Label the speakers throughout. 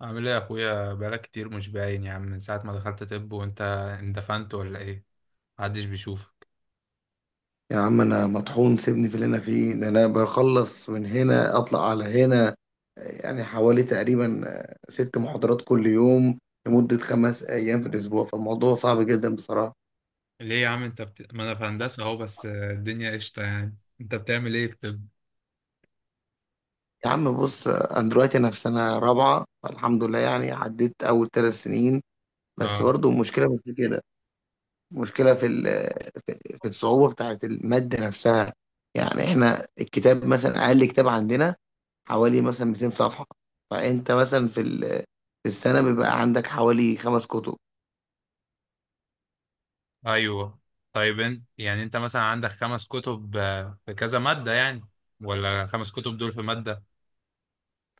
Speaker 1: عامل ايه يا اخويا؟ بقالك كتير مش باين يا عم، من ساعة ما دخلت طب. وانت اندفنت ولا ايه؟ محدش بيشوفك.
Speaker 2: يا عم، انا مطحون. سيبني في اللي انا فيه ده. انا بخلص من هنا اطلع على هنا. يعني حوالي تقريبا 6 محاضرات كل يوم لمدة 5 ايام في الاسبوع، فالموضوع صعب جدا بصراحة.
Speaker 1: ليه يا عم؟ ما انا في هندسة اهو، بس الدنيا قشطة، يعني انت بتعمل ايه في طب؟
Speaker 2: يا عم بص، انا دلوقتي في سنة رابعة، فالحمد لله يعني عديت اول 3 سنين. بس
Speaker 1: اه.
Speaker 2: برضو المشكلة مش في كده، مشكلة في الصعوبة بتاعت المادة نفسها. يعني احنا الكتاب مثلا، اقل كتاب عندنا حوالي مثلا 200 صفحة. فانت مثلا في السنة بيبقى عندك حوالي 5 كتب.
Speaker 1: ايوه. طيب، انت يعني انت مثلا عندك خمس كتب في كذا مادة يعني، ولا خمس كتب دول في مادة؟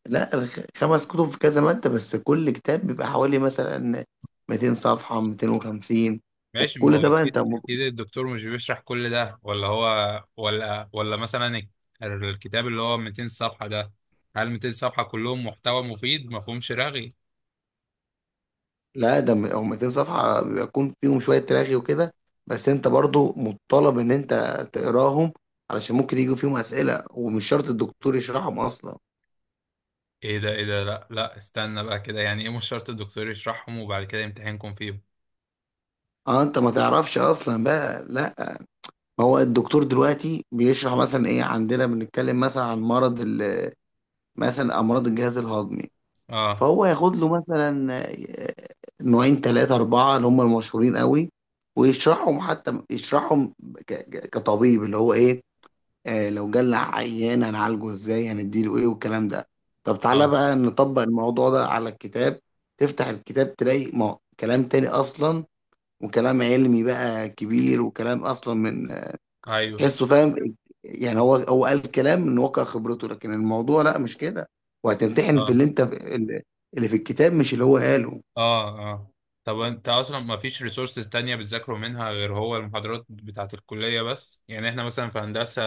Speaker 2: لا، 5 كتب في كذا مادة، بس كل كتاب بيبقى حوالي مثلا 200 صفحة، 250.
Speaker 1: ماشي، ما
Speaker 2: وكل
Speaker 1: هو
Speaker 2: ده بقى
Speaker 1: اكيد
Speaker 2: انت.
Speaker 1: اكيد الدكتور مش بيشرح كل ده ولا هو؟ ولا مثلا الكتاب اللي هو 200 صفحة ده، هل 200 صفحة كلهم محتوى مفيد ما فيهمش رغي؟
Speaker 2: لا، ده هم 200 صفحة بيكون فيهم شوية تلاغي وكده، بس انت برضو مطالب ان انت تقراهم، علشان ممكن يجوا فيهم اسئلة، ومش شرط الدكتور يشرحهم اصلا.
Speaker 1: ايه ده؟ ايه ده؟ لا، لا، استنى بقى كده، يعني ايه مش شرط الدكتور يشرحهم وبعد كده يمتحنكم فيهم؟
Speaker 2: اه، انت ما تعرفش اصلا بقى. لا، ما هو الدكتور دلوقتي بيشرح مثلا ايه، عندنا بنتكلم مثلا عن مثلا امراض الجهاز الهضمي.
Speaker 1: اه.
Speaker 2: فهو ياخد له مثلا نوعين ثلاثة أربعة اللي هم المشهورين قوي، ويشرحهم، حتى يشرحهم كطبيب، اللي هو ايه، لو جالنا عيان هنعالجه ازاي، هنديله ايه والكلام ده. طب
Speaker 1: اه.
Speaker 2: تعالى بقى نطبق الموضوع ده على الكتاب. تفتح الكتاب تلاقي ما كلام تاني اصلا، وكلام علمي بقى كبير، وكلام اصلا من
Speaker 1: ايوه.
Speaker 2: تحسه فاهم. يعني هو قال كلام من واقع خبرته، لكن الموضوع لا، مش كده. وهتمتحن في
Speaker 1: اه.
Speaker 2: اللي في الكتاب، مش اللي هو قاله.
Speaker 1: اه. اه. طب انت اصلا ما فيش ريسورسز تانية بتذاكروا منها غير هو المحاضرات بتاعت الكلية بس؟ يعني احنا مثلا في هندسة،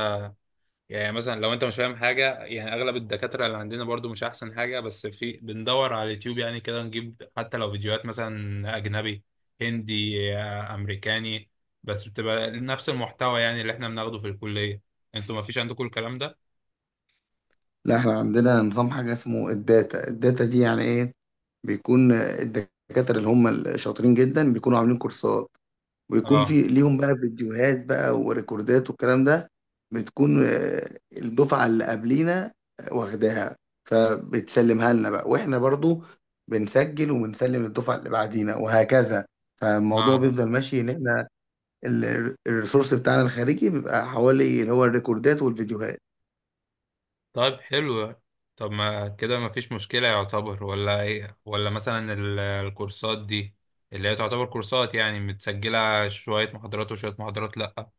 Speaker 1: يعني مثلا لو انت مش فاهم حاجه، يعني اغلب الدكاتره اللي عندنا برضو مش احسن حاجه، بس في بندور على اليوتيوب، يعني كده نجيب حتى لو فيديوهات مثلا اجنبي، هندي، امريكاني. بس بتبقى نفس المحتوى يعني، اللي احنا بناخده في الكليه. انتوا ما فيش عندكم الكلام ده؟
Speaker 2: لا، احنا عندنا نظام، حاجة اسمه الداتا. الداتا دي يعني ايه، بيكون الدكاترة اللي هم الشاطرين جدا بيكونوا عاملين كورسات، ويكون
Speaker 1: اه.
Speaker 2: في ليهم بقى فيديوهات بقى وريكوردات والكلام ده. بتكون الدفعة اللي قبلينا واخداها، فبتسلمها لنا بقى، واحنا برضو بنسجل وبنسلم للدفعة اللي بعدينا، وهكذا. فالموضوع
Speaker 1: اه.
Speaker 2: بيفضل ماشي ان احنا الريسورس بتاعنا الخارجي بيبقى حوالي اللي هو الريكوردات والفيديوهات.
Speaker 1: طيب، حلو. طب ما كده ما فيش مشكله يعتبر ولا ايه؟ ولا مثلا الكورسات دي اللي هي تعتبر كورسات، يعني متسجله؟ شويه محاضرات وشويه محاضرات لا؟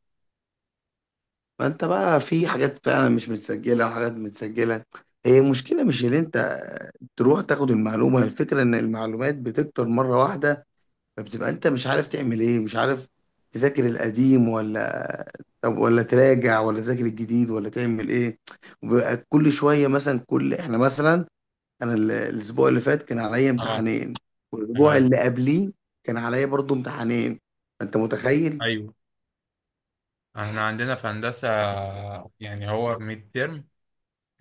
Speaker 2: فانت بقى في حاجات فعلا مش متسجلة وحاجات متسجلة. هي مشكلة مش ان انت تروح تاخد المعلومة، الفكرة ان المعلومات بتكتر مرة واحدة، فبتبقى انت مش عارف تعمل ايه، مش عارف تذاكر القديم ولا، طب، ولا تراجع، ولا تذاكر الجديد، ولا تعمل ايه. وبيبقى كل شويه مثلا، كل احنا مثلا انا الاسبوع اللي فات كان عليا
Speaker 1: اه.
Speaker 2: امتحانين، والاسبوع
Speaker 1: تمام.
Speaker 2: اللي قبليه كان عليا برضو امتحانين. انت متخيل؟
Speaker 1: ايوه. احنا عندنا في هندسة، يعني هو ميد ترم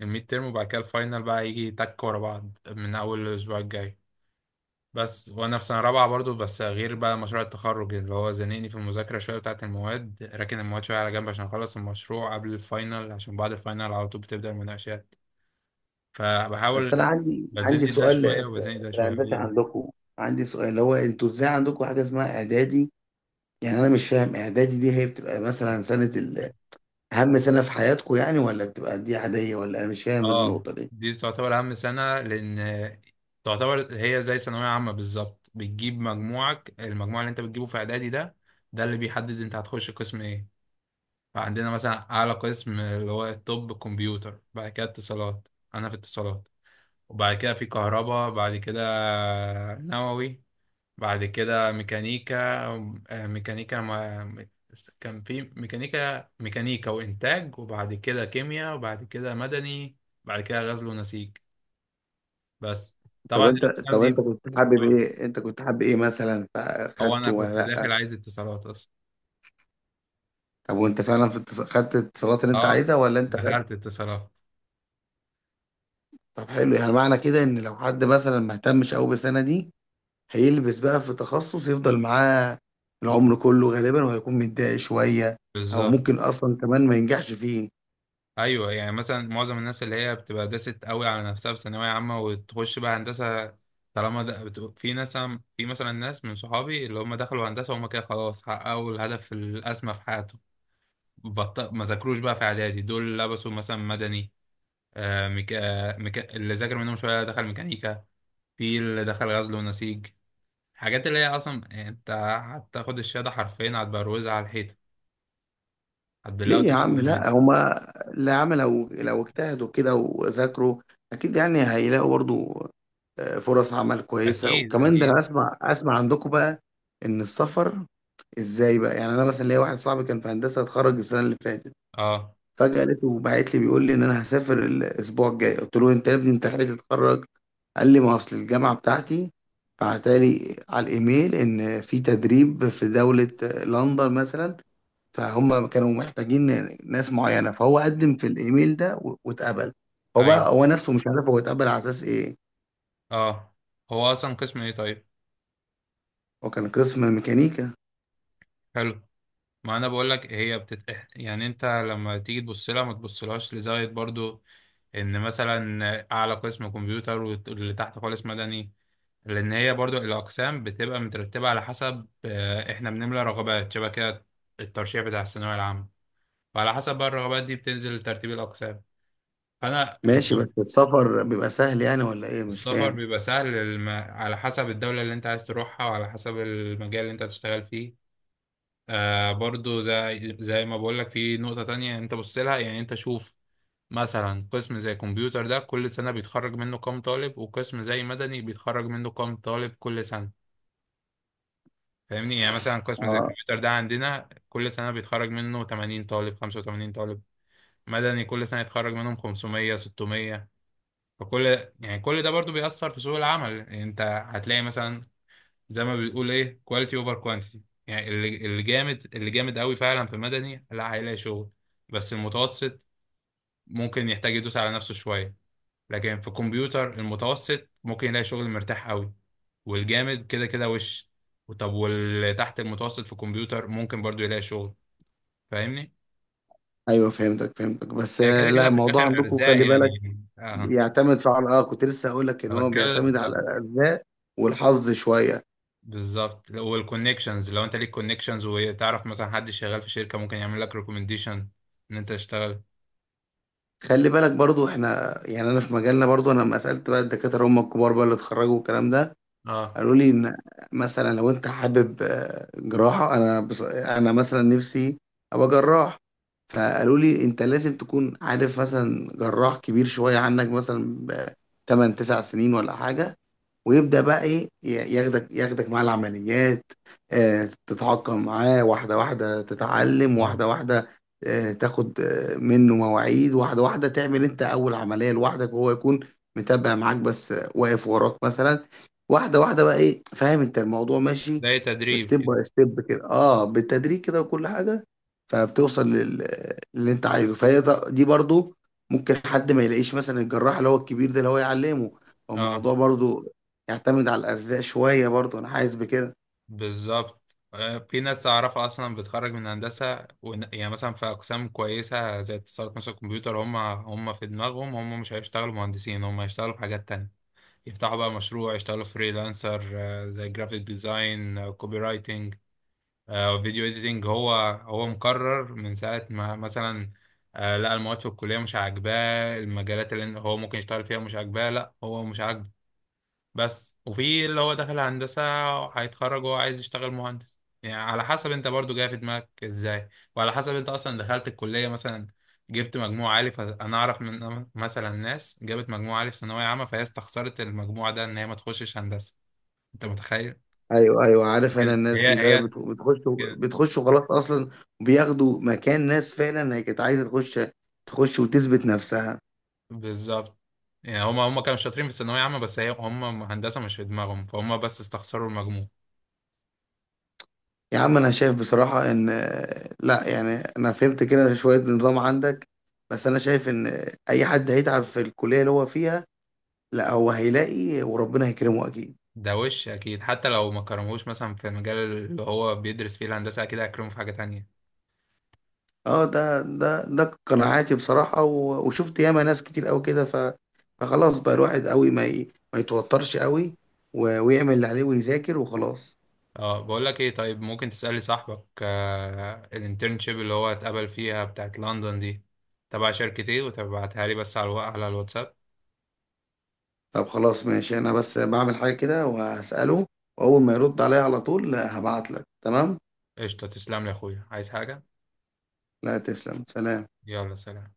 Speaker 1: الميد ترم، وبعد كده الفاينل بقى يجي تك ورا بعض من أول الأسبوع الجاي. بس وأنا في سنة رابعة برضو، بس غير بقى مشروع التخرج اللي هو زنقني في المذاكرة شوية بتاعة المواد، راكن المواد شوية على جنب عشان أخلص المشروع قبل الفاينل، عشان بعد الفاينل على طول بتبدأ المناقشات،
Speaker 2: بس
Speaker 1: فبحاول.
Speaker 2: انا عندي
Speaker 1: بتزنق
Speaker 2: عندي
Speaker 1: ده
Speaker 2: سؤال.
Speaker 1: شوية
Speaker 2: في
Speaker 1: وبزنق ده
Speaker 2: في
Speaker 1: شوية.
Speaker 2: الهندسه
Speaker 1: قول.
Speaker 2: عندكم، عندي سؤال اللي هو: انتوا ازاي عندكم حاجه اسمها اعدادي؟ يعني انا مش فاهم، اعدادي دي هي بتبقى مثلا سنه أهم سنة في حياتكم يعني، ولا بتبقى دي عادية؟ ولا أنا مش فاهم
Speaker 1: اه،
Speaker 2: النقطة دي.
Speaker 1: دي تعتبر اهم سنه، لان تعتبر هي زي ثانويه عامه بالظبط، بتجيب مجموعك. المجموع اللي انت بتجيبه في اعدادي ده، ده اللي بيحدد انت هتخش قسم ايه. فعندنا مثلا اعلى قسم اللي هو الطب، كمبيوتر، بعد كده اتصالات. انا في اتصالات. وبعد كده في كهرباء، بعد كده نووي، بعد كده ميكانيكا. ميكانيكا، ما كان في ميكانيكا وإنتاج، وبعد كده كيمياء، وبعد كده مدني، بعد كده غزل ونسيج، بس.
Speaker 2: طب
Speaker 1: طبعا
Speaker 2: أنت
Speaker 1: الأقسام
Speaker 2: طب
Speaker 1: دي.
Speaker 2: أنت كنت حابب
Speaker 1: آه،
Speaker 2: إيه؟ مثلا
Speaker 1: هو أنا
Speaker 2: فأخدته
Speaker 1: كنت
Speaker 2: ولا لأ؟
Speaker 1: داخل عايز اتصالات أصلا.
Speaker 2: طب وأنت فعلا خدت الاتصالات اللي أنت
Speaker 1: أه،
Speaker 2: عايزها، ولا أنت خدت؟
Speaker 1: دخلت اتصالات.
Speaker 2: طب حلو، يعني معنى كده إن لو حد مثلا ما اهتمش أوي بالسنة دي هيلبس بقى في تخصص يفضل معاه العمر كله غالبا، وهيكون متضايق شوية، أو
Speaker 1: بالظبط.
Speaker 2: ممكن أصلا كمان ما ينجحش فيه.
Speaker 1: ايوه، يعني مثلا معظم الناس اللي هي بتبقى داست قوي على نفسها في ثانويه عامه وتخش بقى هندسه. طالما ده في ناس، في مثلا ناس من صحابي اللي هم دخلوا هندسه وهم كده خلاص حققوا الهدف الاسمى في حياتهم. ما ذاكروش بقى في اعدادي، دول لبسوا مثلا مدني. اللي ذاكر منهم شويه دخل ميكانيكا. في اللي دخل غزل ونسيج. الحاجات اللي هي اصلا، يعني انت هتاخد الشهاده حرفيا، هتبروزها على الحيطه، هتبلها
Speaker 2: ليه يا
Speaker 1: وتشرب
Speaker 2: عم، لا
Speaker 1: ميه.
Speaker 2: هما اللي عمل، لو اجتهدوا كده وذاكروا اكيد يعني هيلاقوا برضو فرص عمل كويسه.
Speaker 1: اكيد،
Speaker 2: وكمان ده
Speaker 1: اكيد.
Speaker 2: انا اسمع عندكم بقى ان السفر ازاي بقى. يعني انا مثلا ليا واحد صاحبي كان في هندسه، اتخرج السنه اللي فاتت،
Speaker 1: اه.
Speaker 2: فجاه لقيته باعت لي بيقول لي ان انا هسافر الاسبوع الجاي. قلت له: انت يا ابني انت لحقت تتخرج؟ قال لي: ما اصل الجامعه بتاعتي بعتالي على الايميل ان في تدريب في دوله، لندن مثلا، فهم كانوا محتاجين ناس معينة، فهو قدم في الإيميل ده واتقبل. هو
Speaker 1: ايوه.
Speaker 2: بقى، هو نفسه مش عارف هو اتقبل على أساس إيه.
Speaker 1: اه. هو اصلا قسم ايه طيب؟
Speaker 2: هو كان قسم ميكانيكا.
Speaker 1: حلو. ما انا بقول لك هي يعني انت لما تيجي تبص لها ما تبصلهاش لزاويه برضو، ان مثلا اعلى قسم كمبيوتر واللي تحت خالص مدني. لان هي برضو الاقسام بتبقى مترتبه على حسب، احنا بنملى رغبات شبه كده، الترشيح بتاع الثانويه العامه. فعلى حسب بقى الرغبات دي بتنزل ترتيب الاقسام. فانا.
Speaker 2: ماشي، بس السفر بيبقى سهل يعني ولا إيه؟ مش
Speaker 1: السفر
Speaker 2: فاهم.
Speaker 1: بيبقى سهل، على حسب الدوله اللي انت عايز تروحها وعلى حسب المجال اللي انت هتشتغل فيه. برضو زي ما بقول لك، في نقطة تانية انت بص لها. يعني انت شوف، مثلا قسم زي كمبيوتر ده كل سنة بيتخرج منه كام طالب، وقسم زي مدني بيتخرج منه كام طالب كل سنة؟ فاهمني. يعني مثلا قسم زي
Speaker 2: اه،
Speaker 1: الكمبيوتر ده عندنا كل سنة بيتخرج منه 80 طالب، 85 طالب. مدني كل سنة يتخرج منهم 500، 600. فكل يعني كل ده برضو بيأثر في سوق العمل، يعني انت هتلاقي مثلا، زي ما بتقول ايه، كواليتي اوفر كوانتيتي. يعني اللي جامد اللي جامد قوي فعلا في مدني، لا هيلاقي شغل. بس المتوسط ممكن يحتاج يدوس على نفسه شويه. لكن في الكمبيوتر المتوسط ممكن يلاقي شغل مرتاح قوي. والجامد كده كده وش. طب واللي تحت المتوسط في الكمبيوتر ممكن برضو يلاقي شغل. فاهمني؟
Speaker 2: ايوه، فهمتك، بس
Speaker 1: هي كده
Speaker 2: لا،
Speaker 1: كده في
Speaker 2: الموضوع
Speaker 1: الاخر
Speaker 2: عندكم
Speaker 1: ارزاق
Speaker 2: خلي
Speaker 1: يعني.
Speaker 2: بالك
Speaker 1: اه،
Speaker 2: بيعتمد فعلا. اه، كنت لسه اقول لك ان
Speaker 1: أنا
Speaker 2: هو
Speaker 1: بتكلم
Speaker 2: بيعتمد على
Speaker 1: آه،
Speaker 2: الارزاق والحظ شويه.
Speaker 1: بالظبط. والكونكشنز، لو انت ليك كونكشنز وتعرف مثلا حد شغال في شركه ممكن يعمل لك ريكومنديشن ان انت تشتغل.
Speaker 2: خلي بالك برضو، احنا يعني انا في مجالنا، برضو انا لما سالت بقى الدكاتره هم الكبار بقى اللي اتخرجوا والكلام ده،
Speaker 1: اه.
Speaker 2: قالوا لي ان مثلا لو انت حابب جراحه، انا انا مثلا نفسي ابقى جراح، فقالوا لي: انت لازم تكون عارف مثلا جراح كبير شويه عنك مثلا ب 8 9 سنين ولا حاجه، ويبدأ بقى إيه ياخدك مع العمليات. تتعاقم معاه واحدة واحدة، تتعلم
Speaker 1: اه.
Speaker 2: واحدة واحدة، تاخد منه مواعيد واحدة واحدة، تعمل أنت أول عملية لوحدك وهو يكون متابع معاك، بس واقف وراك مثلا. واحدة واحدة بقى، إيه، فاهم أنت الموضوع ماشي
Speaker 1: زي تدريب
Speaker 2: ستيب
Speaker 1: كده.
Speaker 2: باي ستيب كده، بالتدريج كده، وكل حاجة، فبتوصل للي أنت عايزه. فهي دي برضو ممكن حد ما يلاقيش مثلا الجراح اللي هو الكبير ده اللي هو يعلمه.
Speaker 1: اه.
Speaker 2: فالموضوع برضو يعتمد على الارزاق شويه برضه، انا حاسس بكده.
Speaker 1: بالظبط. في ناس أعرفها أصلا بتخرج من هندسة يعني مثلا في أقسام كويسة زي اتصالات مثلا، الكمبيوتر، هم في دماغهم هم مش هيشتغلوا مهندسين، هم هيشتغلوا في حاجات تانية. يفتحوا بقى مشروع، يشتغلوا فريلانسر، زي جرافيك ديزاين، كوبي رايتنج، فيديو اديتنج. هو مقرر من ساعة ما مثلا، لا المواد في الكلية مش عاجباه، المجالات اللي هو ممكن يشتغل فيها مش عاجباه، لا هو مش عاجبه بس. وفي اللي هو داخل هندسة هيتخرج وهو عايز يشتغل مهندس. يعني على حسب انت برضو جاي في دماغك ازاي، وعلى حسب انت اصلا دخلت الكلية، مثلا جبت مجموع عالي. فانا اعرف من مثلا ناس جابت مجموع عالي في ثانوية عامة فهي استخسرت المجموع ده ان هي ما تخشش هندسة. انت متخيل؟
Speaker 2: ايوه ايوه، عارف، انا الناس
Speaker 1: هي
Speaker 2: دي اللي هي
Speaker 1: هي
Speaker 2: بتخش،
Speaker 1: كده.
Speaker 2: بتخش وخلاص اصلا، بياخدوا مكان ناس فعلا هي كانت عايزه تخش، تخش وتثبت نفسها.
Speaker 1: بالظبط. يعني هما كانوا شاطرين في الثانوية عامة، بس هما هندسة مش في دماغهم، فهم بس استخسروا المجموع.
Speaker 2: يا عم انا شايف بصراحه ان، لا يعني، انا فهمت كده شويه نظام عندك، بس انا شايف ان اي حد هيتعب في الكليه اللي هو فيها لا هو هيلاقي، وربنا هيكرمه اكيد.
Speaker 1: ده وش اكيد، حتى لو ما كرموش مثلا في المجال اللي هو بيدرس فيه الهندسه، اكيد هيكرمه في حاجه تانية.
Speaker 2: اه، ده قناعاتي بصراحة. وشفت ياما ناس كتير قوي كده، فخلاص بقى الواحد قوي ما يتوترش قوي، ويعمل اللي عليه ويذاكر وخلاص.
Speaker 1: اه، بقول لك ايه، طيب ممكن تسالي صاحبك الانترنشيب اللي هو اتقبل فيها بتاعت لندن دي تبع شركه ايه، وتبعتها لي بس على على الواتساب.
Speaker 2: طب خلاص ماشي، انا بس بعمل حاجة كده وهسأله، واول ما يرد عليا على طول هبعت لك. تمام.
Speaker 1: قشطه، تسلم لي يا اخويا، عايز حاجه؟
Speaker 2: لا، تسلم، سلام.
Speaker 1: يلا، سلام.